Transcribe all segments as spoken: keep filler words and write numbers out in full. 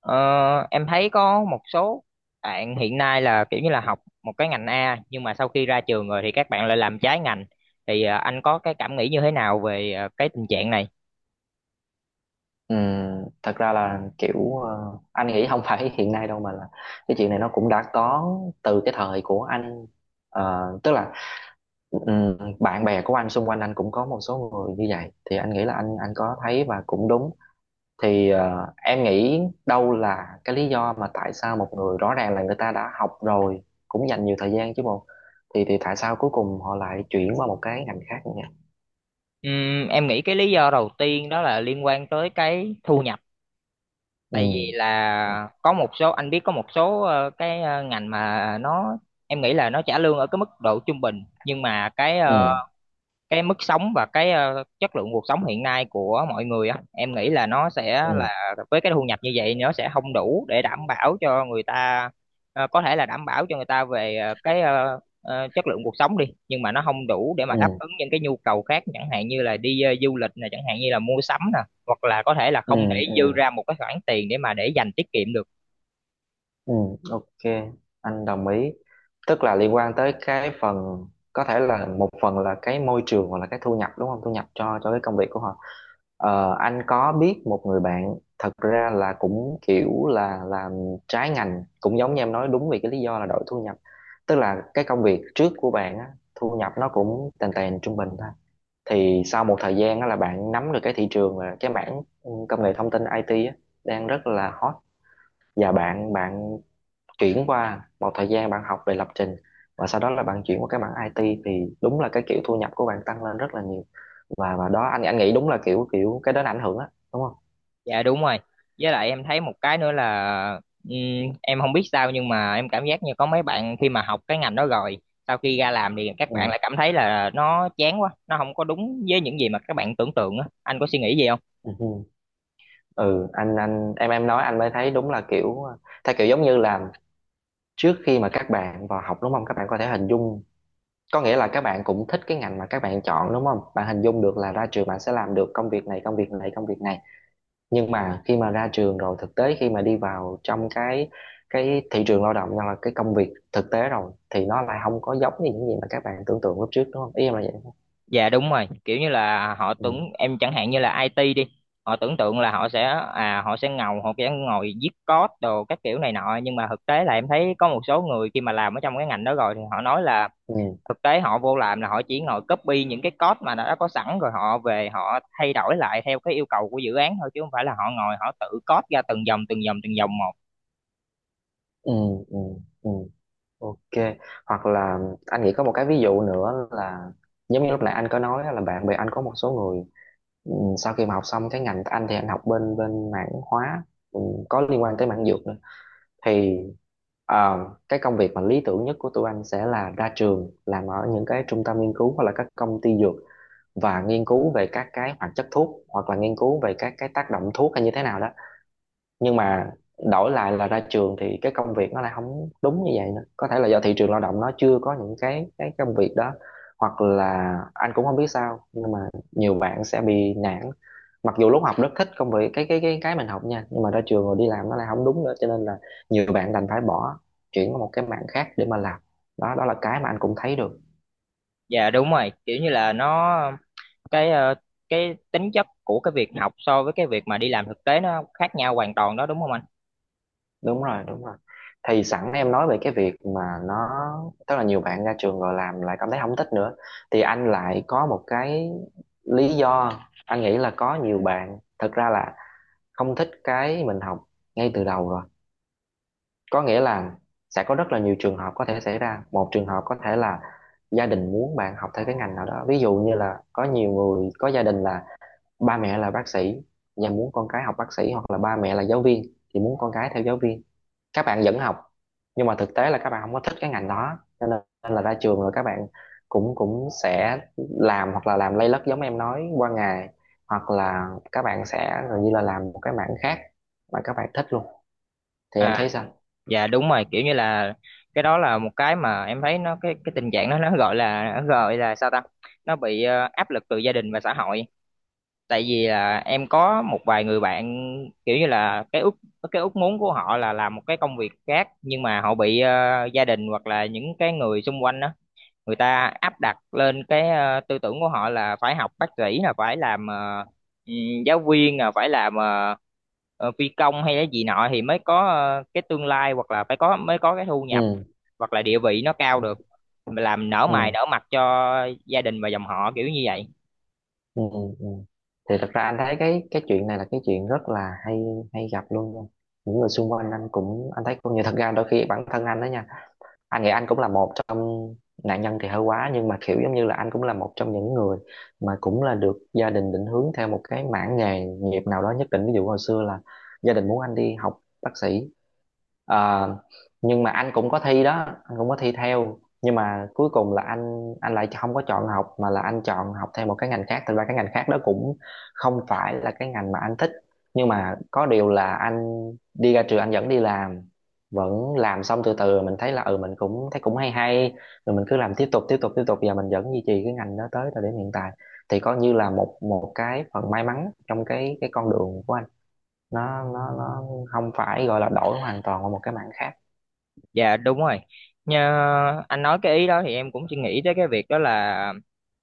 Ờ, em thấy có một số bạn hiện nay là kiểu như là học một cái ngành A nhưng mà sau khi ra trường rồi thì các bạn lại làm trái ngành thì ờ, anh có cái cảm nghĩ như thế nào về ờ, cái tình trạng này? Ừ, thật ra là kiểu ờ, anh nghĩ không phải hiện nay đâu mà là cái chuyện này nó cũng đã có từ cái thời của anh. Ờ, tức là ừm, bạn bè của anh xung quanh anh cũng có một số người như vậy thì anh nghĩ là anh anh có thấy và cũng đúng. Thì ờ, em nghĩ đâu là cái lý do mà tại sao một người rõ ràng là người ta đã học rồi, cũng dành nhiều thời gian chứ bộ, thì thì tại sao cuối cùng họ lại chuyển qua một cái ngành khác như vậy? Ừm, em nghĩ cái lý do đầu tiên đó là liên quan tới cái thu nhập, Ừ. tại vì Ừ. là có một số, anh biết, có một số ờ, cái ờ, ngành mà nó em nghĩ là nó trả lương ở cái mức độ trung bình, nhưng mà cái ờ, Ừ. cái mức sống và cái ờ, chất lượng cuộc sống hiện nay của mọi người á, em nghĩ là nó sẽ Ừ. là với cái thu nhập như vậy nó sẽ không đủ để đảm bảo cho người ta. Ờ, có thể là đảm bảo cho người ta về ờ, cái ờ, ờ, chất lượng cuộc sống đi, nhưng mà nó không đủ để mà đáp Ừ. ứng những cái nhu cầu khác, chẳng hạn như là đi ờ, du lịch nè, chẳng hạn như là mua sắm nè, hoặc là có thể là Ừ. không thể Ừ. dư ra một cái khoản tiền để mà để dành tiết kiệm được. Ừ, ok, anh đồng ý. Tức là liên quan tới cái phần có thể là một phần là cái môi trường hoặc là cái thu nhập đúng không? Thu nhập cho cho cái công việc của họ. Ờ, anh có biết một người bạn thật ra là cũng kiểu là làm trái ngành cũng giống như em nói, đúng vì cái lý do là đổi thu nhập. Tức là cái công việc trước của bạn á, thu nhập nó cũng tèn tèn trung bình thôi. Thì sau một thời gian á là bạn nắm được cái thị trường và cái mảng ừ, công nghệ thông tin i tê á, đang rất là hot, và bạn bạn chuyển qua một thời gian bạn học về lập trình và sau đó là bạn chuyển qua cái mảng i tê thì đúng là cái kiểu thu nhập của bạn tăng lên rất là nhiều. Và và đó anh anh nghĩ đúng là kiểu kiểu cái đó là ảnh hưởng á đúng không? Dạ đúng rồi. Với lại em thấy một cái nữa là ừm, em không biết sao nhưng mà em cảm giác như có mấy bạn khi mà học cái ngành đó rồi, sau khi ra làm thì các bạn Ừ. lại cảm thấy là nó chán quá, nó không có đúng với những gì mà các bạn tưởng tượng á. Anh có suy nghĩ gì không? Ừ. Ừ. Ừ, anh anh em em nói anh mới thấy đúng là kiểu theo kiểu giống như là trước khi mà các bạn vào học đúng không, các bạn có thể hình dung, có nghĩa là các bạn cũng thích cái ngành mà các bạn chọn đúng không, bạn hình dung được là ra trường bạn sẽ làm được công việc này, công việc này, công việc này. Nhưng mà khi mà ra trường rồi thực tế khi mà đi vào trong cái cái thị trường lao động hoặc là cái công việc thực tế rồi thì nó lại không có giống như những gì mà các bạn tưởng tượng lúc trước, đúng không, ý em là vậy. Dạ đúng rồi, kiểu như là họ Ừ. tưởng, em chẳng hạn như là ai ti đi, họ tưởng tượng là họ sẽ à họ sẽ ngầu, họ sẽ ngồi viết code đồ các kiểu này nọ, nhưng mà thực tế là em thấy có một số người khi mà làm ở trong cái ngành đó rồi thì họ nói là Ừ. thực tế họ vô làm là họ chỉ ngồi copy những cái code mà đã có sẵn rồi họ về họ thay đổi lại theo cái yêu cầu của dự án thôi, chứ không phải là họ ngồi họ tự code ra từng dòng từng dòng từng dòng một. Ừ. Ừ. Ừ. Ok. Hoặc là anh nghĩ có một cái ví dụ nữa là giống như lúc nãy anh có nói là bạn bè anh có một số người. Ừ, sau khi mà học xong cái ngành anh thì anh học bên bên mảng hóa, ừ, có liên quan tới mảng dược nữa. Thì Ờ, cái công việc mà lý tưởng nhất của tụi anh sẽ là ra trường làm ở những cái trung tâm nghiên cứu hoặc là các công ty dược và nghiên cứu về các cái hoạt chất thuốc hoặc là nghiên cứu về các cái tác động thuốc hay như thế nào đó. Nhưng mà đổi lại là ra trường thì cái công việc nó lại không đúng như vậy nữa, có thể là do thị trường lao động nó chưa có những cái cái công việc đó, hoặc là anh cũng không biết sao nhưng mà nhiều bạn sẽ bị nản. Mặc dù lúc học rất thích công việc cái cái cái cái mình học nha, nhưng mà ra trường rồi đi làm nó lại không đúng nữa cho nên là nhiều bạn đành phải bỏ, chuyển qua một cái mảng khác để mà làm. Đó, đó là cái mà anh cũng thấy được. Dạ đúng rồi, kiểu như là nó cái ờ, cái tính chất của cái việc học so với cái việc mà đi làm thực tế nó khác nhau hoàn toàn đó đúng không anh? Đúng rồi, đúng rồi. Thì sẵn em nói về cái việc mà nó, tức là nhiều bạn ra trường rồi làm lại cảm thấy không thích nữa, thì anh lại có một cái lý do. Anh nghĩ là có nhiều bạn thật ra là không thích cái mình học ngay từ đầu rồi. Có nghĩa là sẽ có rất là nhiều trường hợp có thể xảy ra. Một trường hợp có thể là gia đình muốn bạn học theo cái ngành nào đó, ví dụ như là có nhiều người có gia đình là ba mẹ là bác sĩ và muốn con cái học bác sĩ, hoặc là ba mẹ là giáo viên thì muốn con cái theo giáo viên. Các bạn vẫn học nhưng mà thực tế là các bạn không có thích cái ngành đó cho nên là ra trường rồi các bạn cũng cũng sẽ làm, hoặc là làm lây lất giống em nói qua ngày, hoặc là các bạn sẽ gần như là làm một cái mảng khác mà các bạn thích luôn. Thì em À thấy sao? dạ đúng rồi, kiểu như là cái đó là một cái mà em thấy nó, cái cái tình trạng đó nó gọi là, nó gọi là sao ta, nó bị ờ, áp lực từ gia đình và xã hội. Tại vì là em có một vài người bạn kiểu như là cái ước cái ước muốn của họ là làm một cái công việc khác, nhưng mà họ bị ờ, gia đình hoặc là những cái người xung quanh đó, người ta áp đặt lên cái ờ, tư tưởng của họ là phải học bác sĩ, là phải làm ờ, ừ, giáo viên, là phải làm ờ, ờ, phi công hay cái gì nọ thì mới có ờ, cái tương lai, hoặc là phải có mới có cái thu nhập Ừ. hoặc là địa vị nó cao được, làm nở mày Ừ. nở mặt cho gia đình và dòng họ kiểu như vậy. Ừ. Ừ. Thì thật ra anh thấy cái cái chuyện này là cái chuyện rất là hay, hay gặp luôn nha. Những người xung quanh anh cũng, anh thấy cũng, như thật ra đôi khi bản thân anh đó nha, anh nghĩ anh cũng là một trong, nạn nhân thì hơi quá, nhưng mà kiểu giống như là anh cũng là một trong những người mà cũng là được gia đình định hướng theo một cái mảng nghề nghiệp nào đó nhất định. Ví dụ hồi xưa là gia đình muốn anh đi học bác sĩ. Ờ, nhưng mà anh cũng có thi đó, anh cũng có thi theo, nhưng mà cuối cùng là anh anh lại không có chọn học mà là anh chọn học theo một cái ngành khác. Thật ra cái ngành khác đó cũng không phải là cái ngành mà anh thích, nhưng mà có điều là anh đi ra trường anh vẫn đi làm, vẫn làm, xong từ từ mình thấy là ừ mình cũng thấy cũng hay hay, rồi mình cứ làm tiếp tục tiếp tục tiếp tục và mình vẫn duy trì cái ngành đó tới thời điểm hiện tại. Thì coi như là một một cái phần may mắn trong cái cái con đường của anh, nó nó nó không phải gọi là đổi hoàn toàn qua một cái mảng khác. Dạ đúng rồi. Như anh nói cái ý đó thì em cũng chỉ nghĩ tới cái việc đó là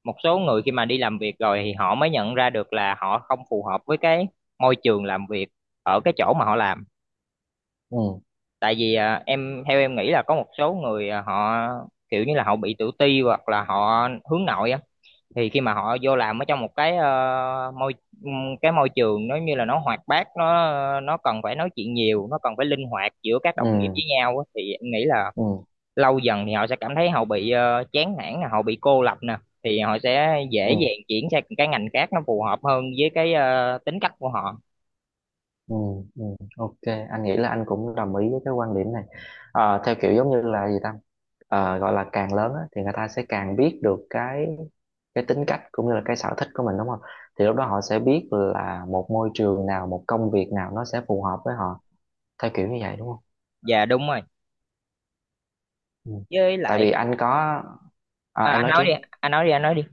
một số người khi mà đi làm việc rồi thì họ mới nhận ra được là họ không phù hợp với cái môi trường làm việc ở cái chỗ mà họ làm. Ừ. Tại vì à, em theo em nghĩ là có một số người à, họ kiểu như là họ bị tự ti hoặc là họ hướng nội á, thì khi mà họ vô làm ở trong một cái ờ, môi ừm, cái môi trường nó như là nó hoạt bát, nó nó cần phải nói chuyện nhiều, nó cần phải linh hoạt giữa các đồng nghiệp Ừ. với nhau á, thì em nghĩ là Ừ. lâu dần thì họ sẽ cảm thấy họ bị ờ, chán nản nè, họ bị cô lập nè, thì họ sẽ dễ Ừ. dàng chuyển sang cái ngành khác nó phù hợp hơn với cái ờ, tính cách của họ. Ừ. Ừ. Ok. Anh nghĩ là anh cũng đồng ý với cái quan điểm này. Ờ, theo kiểu giống như là gì ta, Ờ, gọi là càng lớn á, thì người ta sẽ càng biết được cái cái tính cách cũng như là cái sở thích của mình đúng không. Thì lúc đó họ sẽ biết là một môi trường nào, một công việc nào nó sẽ phù hợp với họ, theo kiểu như vậy đúng không. Dạ đúng rồi. Ừ. Với Tại lại vì anh có, à, à, em anh nói nói trước đi đi. anh nói đi anh nói đi.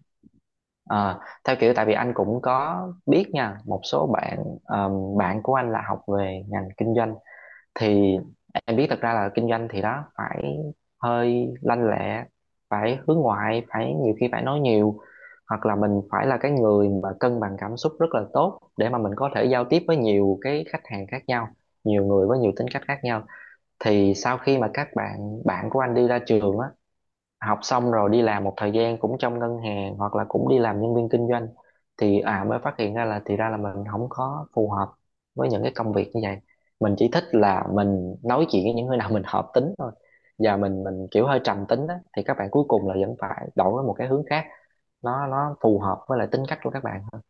Ờ, Theo kiểu tại vì anh cũng có biết nha một số bạn, ờm, bạn của anh là học về ngành kinh doanh. Thì em biết thật ra là kinh doanh thì đó phải hơi lanh lẹ, phải hướng ngoại, phải nhiều khi phải nói nhiều, hoặc là mình phải là cái người mà cân bằng cảm xúc rất là tốt để mà mình có thể giao tiếp với nhiều cái khách hàng khác nhau, nhiều người với nhiều tính cách khác nhau. Thì sau khi mà các bạn bạn của anh đi ra trường á, học xong rồi đi làm một thời gian cũng trong ngân hàng hoặc là cũng đi làm nhân viên kinh doanh, thì à mới phát hiện ra là thì ra là mình không có phù hợp với những cái công việc như vậy. Mình chỉ thích là mình nói chuyện với những người nào mình hợp tính thôi, và mình mình kiểu hơi trầm tính đó, thì các bạn cuối cùng là vẫn phải đổi qua một cái hướng khác, nó nó phù hợp với lại tính cách của các bạn hơn.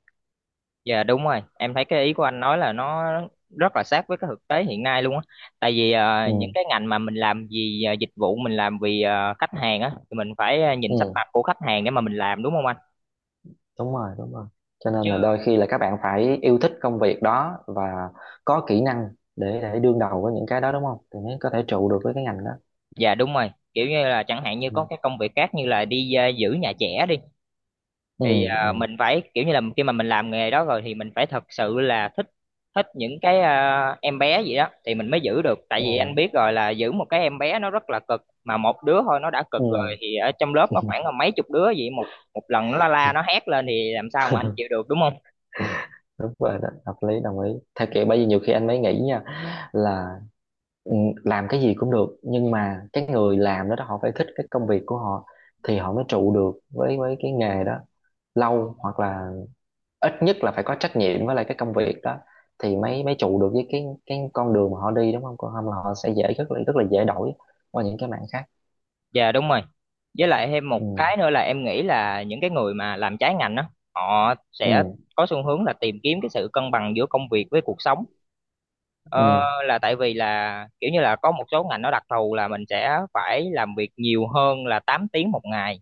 Dạ đúng rồi, em thấy cái ý của anh nói là nó rất là sát với cái thực tế hiện nay luôn á. Tại vì ờ, những Ừ. cái ngành mà mình làm vì ờ, dịch vụ, mình làm vì ờ, khách hàng á, thì mình phải ờ, nhìn sắc Ừ. mặt của khách hàng để mà mình làm, đúng không anh? Đúng rồi, đúng rồi. Cho nên Chứ là đôi khi là các bạn phải yêu thích công việc đó và có kỹ năng để để đương đầu với những cái đó đúng không, thì mới có thể trụ được với cái ngành đó. dạ đúng rồi, kiểu như là chẳng hạn như Ừ. có cái công việc khác như là đi ờ, giữ nhà trẻ đi, thì à, Ừ. mình phải kiểu như là khi mà mình làm nghề đó rồi thì mình phải thật sự là thích, thích những cái à, em bé gì đó thì mình mới giữ được. Tại Ừ. vì anh biết rồi, là giữ một cái em bé nó rất là cực, mà một đứa thôi nó đã cực Ừ. rồi thì ở trong lớp nó khoảng là mấy chục đứa vậy, một một lần nó la, Ừ. la nó hét lên thì làm sao mà anh chịu được đúng không? Đúng rồi đó, hợp lý, đồng ý. Theo kiểu bởi vì nhiều khi anh mới nghĩ nha là ừ, làm cái gì cũng được, nhưng mà cái người làm đó, đó họ phải thích cái công việc của họ thì họ mới trụ được với với cái nghề đó lâu, hoặc là ít nhất là phải có trách nhiệm với lại cái công việc đó thì mới mới trụ được với cái cái con đường mà họ đi đúng không, còn không là họ sẽ dễ, rất là rất là dễ đổi qua những cái mảng khác. Dạ đúng rồi. Với lại thêm một Ừ. cái nữa là em nghĩ là những cái người mà làm trái ngành đó họ sẽ Ừ. có xu hướng là tìm kiếm cái sự cân bằng giữa công việc với cuộc sống. Ừ. Ờ, là tại vì là kiểu như là có một số ngành nó đặc thù là mình sẽ phải làm việc nhiều hơn là tám tiếng một ngày,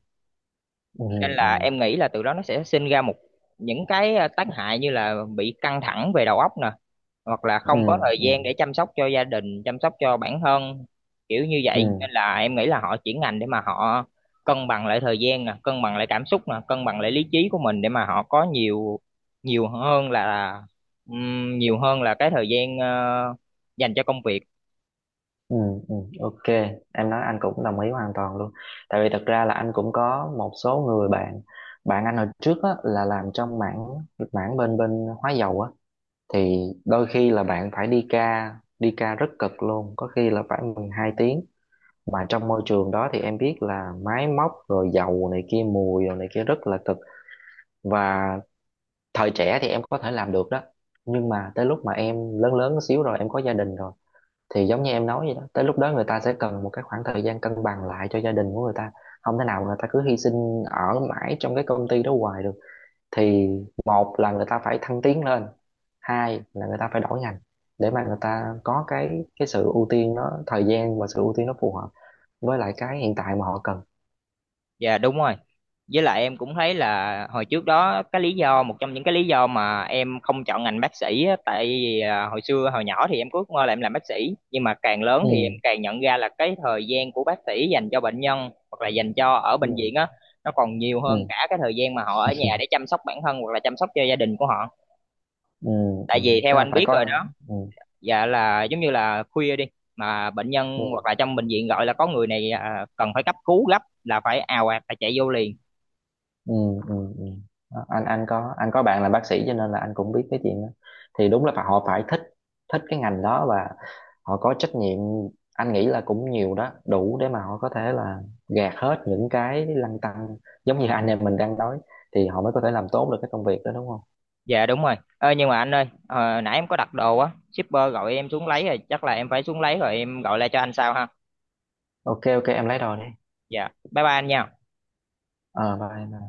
Ừ. nên Ừ. là em nghĩ là từ đó nó sẽ sinh ra một những cái ờ, tác hại như là bị căng thẳng về đầu óc nè, hoặc là Ừ. không có thời Ừ. gian để chăm sóc cho gia đình, chăm sóc cho bản thân, kiểu như vậy, Ừ. nên là em nghĩ là họ chuyển ngành để mà họ cân bằng lại thời gian nè, cân bằng lại cảm xúc nè, cân bằng lại lý trí của mình, để mà họ có nhiều, nhiều hơn là ừm, nhiều hơn là cái thời gian ờ, dành cho công việc. Ừ, ừ, ok, em nói anh cũng đồng ý hoàn toàn luôn. Tại vì thật ra là anh cũng có một số người bạn, bạn anh hồi trước á, là làm trong mảng mảng bên bên hóa dầu á, thì đôi khi là bạn phải đi ca, đi ca rất cực luôn, có khi là phải mười hai tiếng, mà trong môi trường đó thì em biết là máy móc rồi dầu này kia mùi rồi này kia rất là cực. Và thời trẻ thì em có thể làm được đó, nhưng mà tới lúc mà em lớn lớn xíu rồi em có gia đình rồi thì giống như em nói vậy đó, tới lúc đó người ta sẽ cần một cái khoảng thời gian cân bằng lại cho gia đình của người ta. Không thể nào người ta cứ hy sinh ở mãi trong cái công ty đó hoài được. Thì một là người ta phải thăng tiến lên, hai là người ta phải đổi ngành để mà người ta có cái cái sự ưu tiên nó thời gian và sự ưu tiên nó phù hợp với lại cái hiện tại mà họ cần. Dạ đúng rồi. Với lại em cũng thấy là hồi trước đó, cái lý do, một trong những cái lý do mà em không chọn ngành bác sĩ á, tại vì à, hồi xưa hồi nhỏ thì em cứ ngờ là em làm bác sĩ, nhưng mà càng lớn Ừ. thì em càng nhận ra là cái thời gian của bác sĩ dành cho bệnh nhân hoặc là dành cho ở Ừ. bệnh viện á, nó còn nhiều Ừ. hơn cả cái thời gian mà họ ở nhà để chăm sóc bản thân hoặc là chăm sóc cho gia đình của họ. Ừ. Ừ. Tại vì theo Tức là anh phải biết rồi có. đó, Ừ. dạ, là giống như là khuya đi mà bệnh nhân Ừ. hoặc là trong bệnh viện gọi là có người này à, cần phải cấp cứu gấp, là phải ào ạt phải chạy vô liền. Ừ. Ừ. Ừ. Đó, anh anh có anh có bạn là bác sĩ cho nên là anh cũng biết cái chuyện đó. Thì đúng là phải- họ phải thích thích cái ngành đó và họ có trách nhiệm. Anh nghĩ là cũng nhiều đó đủ để mà họ có thể là gạt hết những cái lăn tăn giống như anh em mình đang nói, thì họ mới có thể làm tốt được cái công việc đó đúng không? Dạ đúng rồi. Ơ nhưng mà anh ơi, ờ, nãy em có đặt đồ á, shipper gọi em xuống lấy rồi, chắc là em phải xuống lấy rồi em gọi lại cho anh sau ha. Ok, ok, em lấy đồ đi. Dạ. Bye bye anh nha. ờ bye.